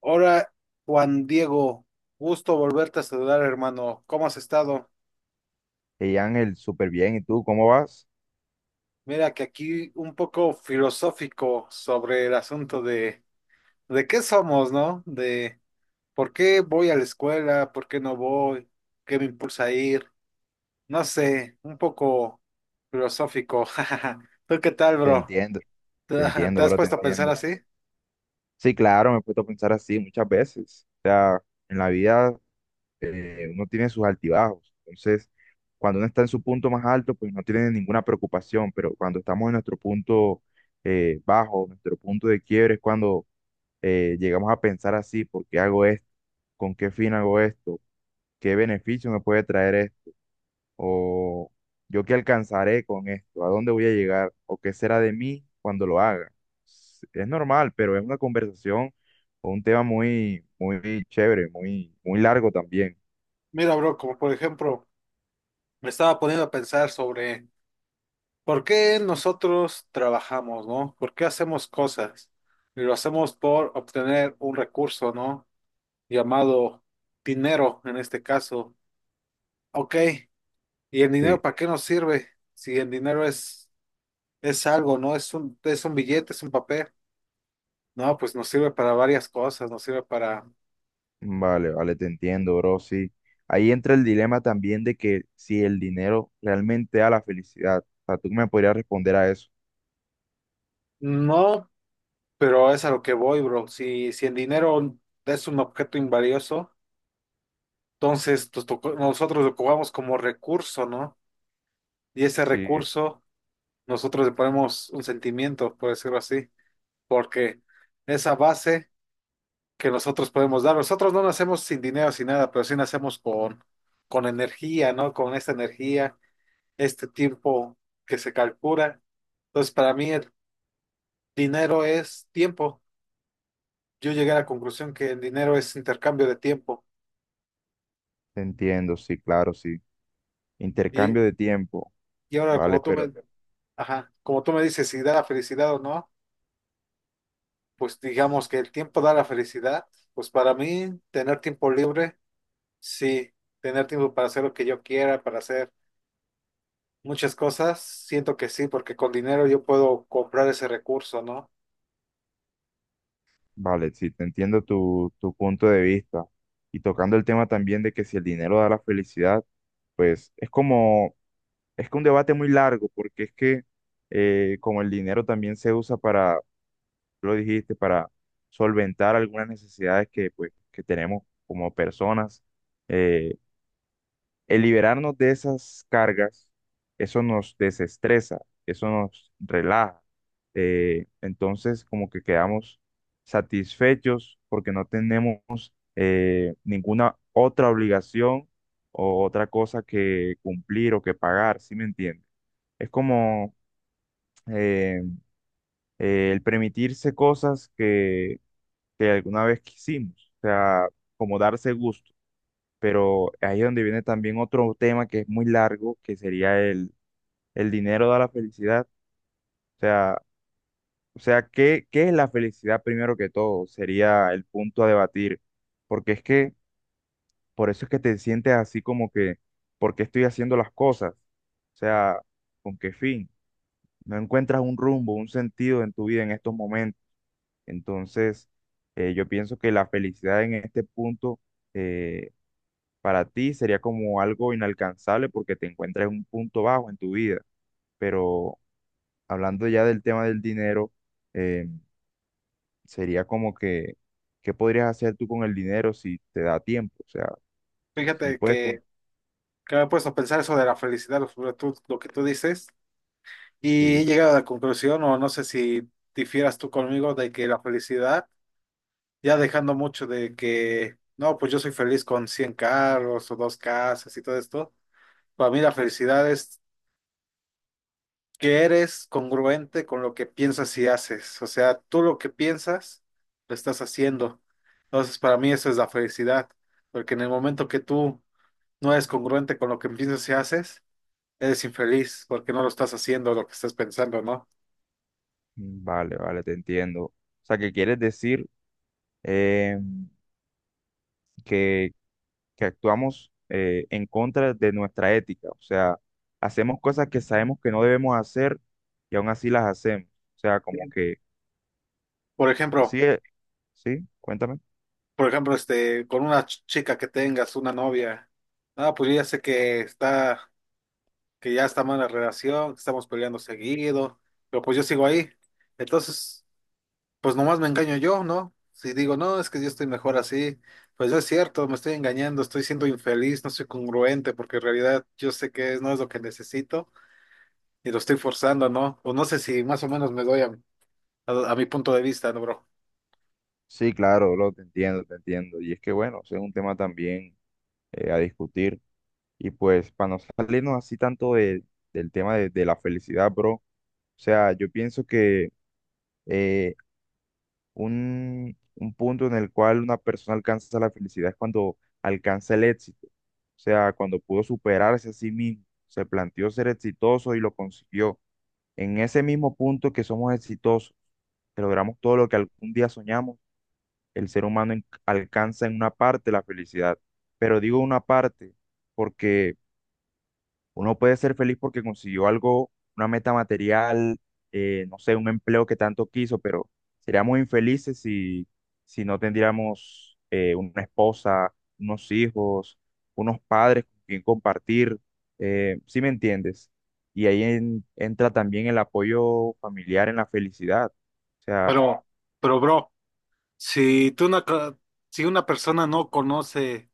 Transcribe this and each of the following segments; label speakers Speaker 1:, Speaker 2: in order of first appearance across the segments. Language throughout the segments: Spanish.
Speaker 1: Hola, Juan Diego, gusto volverte a saludar, hermano. ¿Cómo has estado?
Speaker 2: Hey Ángel, súper bien. ¿Y tú cómo vas?
Speaker 1: Mira que aquí un poco filosófico sobre el asunto de qué somos, ¿no? De por qué voy a la escuela, por qué no voy, qué me impulsa a ir. No sé, un poco filosófico. ¿Tú qué tal,
Speaker 2: Te
Speaker 1: bro?
Speaker 2: entiendo,
Speaker 1: ¿Te,
Speaker 2: te
Speaker 1: te
Speaker 2: entiendo,
Speaker 1: has
Speaker 2: bro, te
Speaker 1: puesto a pensar
Speaker 2: entiendo.
Speaker 1: así?
Speaker 2: Sí, claro, me he puesto a pensar así muchas veces. O sea, en la vida uno tiene sus altibajos. Entonces, cuando uno está en su punto más alto, pues no tiene ninguna preocupación. Pero cuando estamos en nuestro punto bajo, nuestro punto de quiebre, es cuando llegamos a pensar así, ¿por qué hago esto? ¿Con qué fin hago esto? ¿Qué beneficio me puede traer esto? O yo qué alcanzaré con esto, ¿a dónde voy a llegar o qué será de mí cuando lo haga? Es normal, pero es una conversación o un tema muy, muy chévere, muy, muy largo también.
Speaker 1: Mira, bro, como por ejemplo, me estaba poniendo a pensar sobre. ¿Por qué nosotros trabajamos, no? ¿Por qué hacemos cosas? Y lo hacemos por obtener un recurso, ¿no? Llamado dinero en este caso. Ok, ¿y el
Speaker 2: Sí,
Speaker 1: dinero para qué nos sirve? Si el dinero es algo, ¿no? Es un billete, es un papel. No, pues nos sirve para varias cosas, nos sirve para.
Speaker 2: vale, vale, te entiendo, bro, sí. Ahí entra el dilema también de que si el dinero realmente da la felicidad. O sea, tú me podrías responder a eso.
Speaker 1: No, pero es a lo que voy, bro. Si el dinero es un objeto invalioso, entonces nosotros lo ocupamos como recurso, ¿no? Y ese
Speaker 2: Sí,
Speaker 1: recurso nosotros le ponemos un sentimiento, por decirlo así, porque esa base que nosotros podemos dar, nosotros no nacemos sin dinero, sin nada, pero sí nacemos con energía, ¿no? Con esta energía, este tiempo que se calcula. Entonces, para mí el dinero es tiempo. Yo llegué a la conclusión que el dinero es intercambio de tiempo.
Speaker 2: te entiendo, sí, claro, sí.
Speaker 1: Y,
Speaker 2: Intercambio de tiempo,
Speaker 1: y ahora,
Speaker 2: vale, pero
Speaker 1: ajá, como tú me dices si da la felicidad o no, pues digamos que el tiempo da la felicidad. Pues para mí, tener tiempo libre. Sí, tener tiempo para hacer lo que yo quiera, para hacer muchas cosas, siento que sí, porque con dinero yo puedo comprar ese recurso, ¿no?
Speaker 2: vale, sí, te entiendo tu punto de vista. Y tocando el tema también de que si el dinero da la felicidad, pues es como, es que un debate muy largo, porque es que como el dinero también se usa para, tú lo dijiste, para solventar algunas necesidades que, pues, que tenemos como personas, eh, el liberarnos de esas cargas, eso nos desestresa, eso nos relaja. Entonces, como que quedamos satisfechos porque no tenemos ninguna otra obligación o otra cosa que cumplir o que pagar, ¿sí me entiendes? Es como eh, el permitirse cosas que alguna vez quisimos, o sea, como darse gusto. Pero ahí es donde viene también otro tema que es muy largo, que sería el dinero da la felicidad. O sea, o sea, ¿qué, qué es la felicidad primero que todo? Sería el punto a debatir. Porque es que, por eso es que te sientes así como que, ¿por qué estoy haciendo las cosas? O sea, ¿con qué fin? No encuentras un rumbo, un sentido en tu vida en estos momentos. Entonces, yo pienso que la felicidad en este punto eh, para ti sería como algo inalcanzable porque te encuentras en un punto bajo en tu vida. Pero hablando ya del tema del dinero, eh, sería como que, ¿qué podrías hacer tú con el dinero si te da tiempo? O sea, si
Speaker 1: Fíjate
Speaker 2: puedes...
Speaker 1: que, me he puesto a pensar eso de la felicidad, lo que tú dices, y he
Speaker 2: Sí,
Speaker 1: llegado a la conclusión, o no sé si difieras tú conmigo, de que la felicidad, ya dejando mucho de que, no, pues yo soy feliz con 100 carros o dos casas y todo esto, para mí la felicidad que eres congruente con lo que piensas y haces. O sea, tú lo que piensas, lo estás haciendo. Entonces, para mí eso es la felicidad, porque en el momento que tú no eres congruente con lo que piensas y haces, eres infeliz porque no lo estás haciendo lo que estás pensando, ¿no?
Speaker 2: mm, vale, vale, te entiendo. O sea, que quieres decir eh, que, que actuamos en contra de nuestra ética. O sea, hacemos cosas que sabemos que no debemos hacer y aún así las hacemos. O sea, como
Speaker 1: Sí.
Speaker 2: que...
Speaker 1: Por ejemplo,
Speaker 2: Sí, sí, cuéntame.
Speaker 1: por ejemplo, con una chica que tengas, una novia, ah, pues yo ya sé que ya está mal la relación, que estamos peleando seguido, pero pues yo sigo ahí. Entonces, pues nomás me engaño yo, ¿no? Si digo, no, es que yo estoy mejor así, pues no es cierto, me estoy engañando, estoy siendo infeliz, no soy congruente, porque en realidad yo sé que no es lo que necesito y lo estoy forzando, ¿no? O no sé si más o menos me doy a mi punto de vista, ¿no, bro?
Speaker 2: Sí, claro, lo te entiendo, te entiendo. Y es que bueno, ese es un tema también a discutir. Y pues para no salirnos así tanto del tema de la felicidad, bro. O sea, yo pienso que eh, un punto en el cual una persona alcanza la felicidad es cuando alcanza el éxito. O sea, cuando pudo superarse a sí mismo, se planteó ser exitoso y lo consiguió. En ese mismo punto que somos exitosos, que logramos todo lo que algún día soñamos el ser humano alcanza en una parte la felicidad, pero digo una parte porque uno puede ser feliz porque consiguió algo, una meta material, no sé, un empleo que tanto quiso, pero seríamos infelices si, si no tendríamos una esposa, unos hijos, unos padres con quien compartir, ¿sí me entiendes? Y ahí entra también el apoyo familiar en la felicidad. O sea,
Speaker 1: Pero, pero, bro, si tú una, ca- si una persona no conoce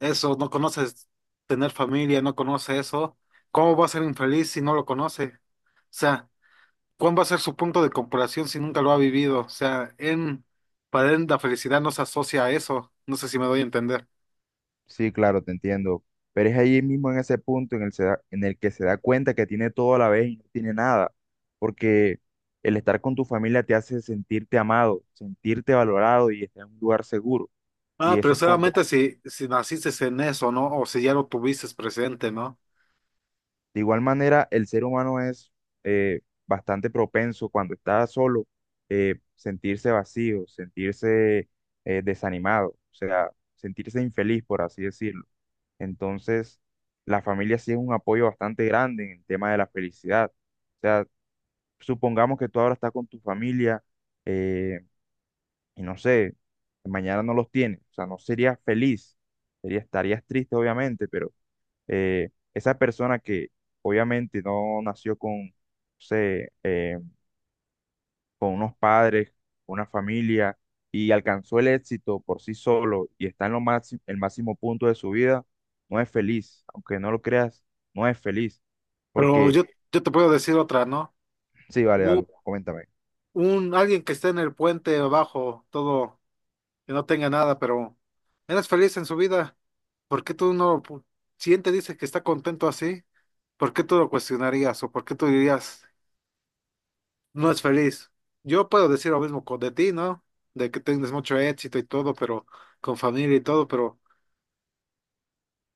Speaker 1: eso, no conoces tener familia, no conoce eso, ¿cómo va a ser infeliz si no lo conoce? O sea, ¿cuál va a ser su punto de comparación si nunca lo ha vivido? O sea, para él la felicidad no se asocia a eso. No sé si me doy a entender.
Speaker 2: sí, claro, te entiendo. Pero es ahí mismo en ese punto en el, en el que se da cuenta que tiene todo a la vez y no tiene nada. Porque el estar con tu familia te hace sentirte amado, sentirte valorado y estar en un lugar seguro.
Speaker 1: Ah,
Speaker 2: Y
Speaker 1: pero
Speaker 2: eso es cuando
Speaker 1: solamente si naciste en eso, ¿no? O si ya lo tuviste presente, ¿no?
Speaker 2: de igual manera, el ser humano es bastante propenso cuando está solo sentirse vacío, sentirse desanimado, o sea, sentirse infeliz, por así decirlo. Entonces, la familia sí es un apoyo bastante grande en el tema de la felicidad. O sea, supongamos que tú ahora estás con tu familia eh, y no sé, mañana no los tienes, o sea, no serías feliz, estarías triste obviamente, pero esa persona que obviamente no nació con, no sé, con unos padres, una familia y alcanzó el éxito por sí solo y está en lo máximo, el máximo punto de su vida, no es feliz, aunque no lo creas, no es feliz,
Speaker 1: Pero
Speaker 2: porque
Speaker 1: yo te puedo decir otra, ¿no?
Speaker 2: sí, vale,
Speaker 1: Mu-
Speaker 2: dale, coméntame.
Speaker 1: Alguien que esté en el puente abajo, todo, que no tenga nada, pero eres feliz en su vida. ¿Por qué tú no, si él te dice que está contento así, ¿por qué tú lo cuestionarías? ¿O por qué tú dirías no es feliz? Yo puedo decir lo mismo con de ti, ¿no? De que tienes mucho éxito y todo, pero con familia y todo, pero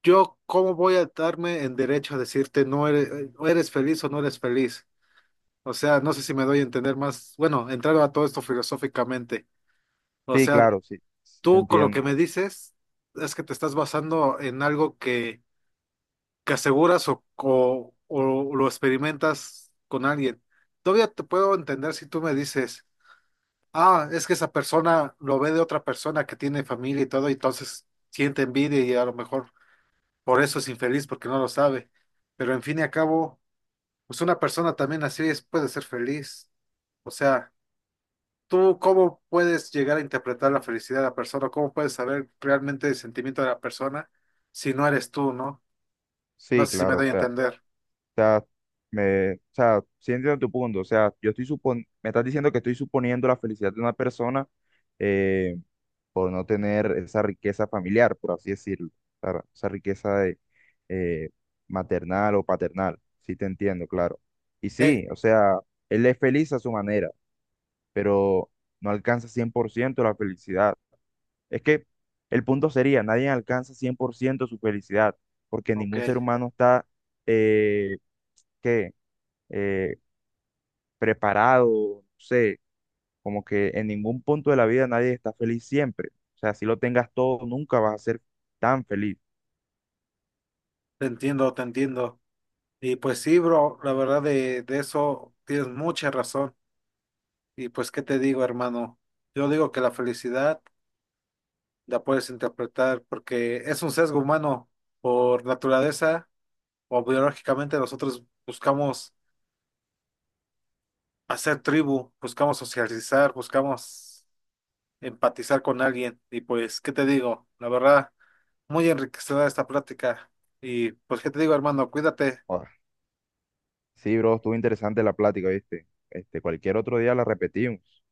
Speaker 1: yo, ¿cómo voy a darme en derecho a decirte no eres, o eres feliz o no eres feliz? O sea, no sé si me doy a entender más, bueno, entrando a todo esto filosóficamente. O
Speaker 2: Sí,
Speaker 1: sea, sí.
Speaker 2: claro, sí, sí, te
Speaker 1: Tú con lo que
Speaker 2: entiendo.
Speaker 1: me dices es que te estás basando en algo que aseguras o lo experimentas con alguien. Todavía te puedo entender si tú me dices. Ah, es que esa persona lo ve de otra persona que tiene familia y todo, y entonces siente envidia y a lo mejor por eso es infeliz porque no lo sabe. Pero en fin y a cabo, pues una persona también así es, puede ser feliz. O sea, ¿tú cómo puedes llegar a interpretar la felicidad de la persona? ¿Cómo puedes saber realmente el sentimiento de la persona si no eres tú, no? No
Speaker 2: Sí,
Speaker 1: sé si, sí, me
Speaker 2: claro,
Speaker 1: doy a,
Speaker 2: o
Speaker 1: claro, entender.
Speaker 2: sea, me, o sea, sí entiendo tu punto, o sea, yo estoy supon, me estás diciendo que estoy suponiendo la felicidad de una persona eh, por no tener esa riqueza familiar, por así decirlo, claro, esa riqueza de, eh, maternal o paternal, sí te entiendo, claro. Y sí, o
Speaker 1: Sí.
Speaker 2: sea, él es feliz a su manera, pero no alcanza 100% la felicidad. Es que el punto sería, nadie alcanza 100% su felicidad, porque
Speaker 1: Ok,
Speaker 2: ningún ser humano está, eh, ¿qué? Eh, preparado, no sé, como que en ningún punto de la vida nadie está feliz siempre. O sea, si lo tengas todo, nunca vas a ser tan feliz.
Speaker 1: te entiendo, te entiendo. Y pues sí, bro, la verdad de eso tienes mucha razón. Y pues, ¿qué te digo, hermano? Yo digo que la felicidad la puedes interpretar porque es un sesgo humano por naturaleza o biológicamente nosotros buscamos hacer tribu, buscamos socializar, buscamos empatizar con alguien. Y pues, ¿qué te digo? La verdad, muy enriquecedora esta plática. Y pues, ¿qué te digo, hermano? Cuídate.
Speaker 2: Ah, sí, bro, estuvo interesante la plática, ¿viste? Este, cualquier otro día la repetimos.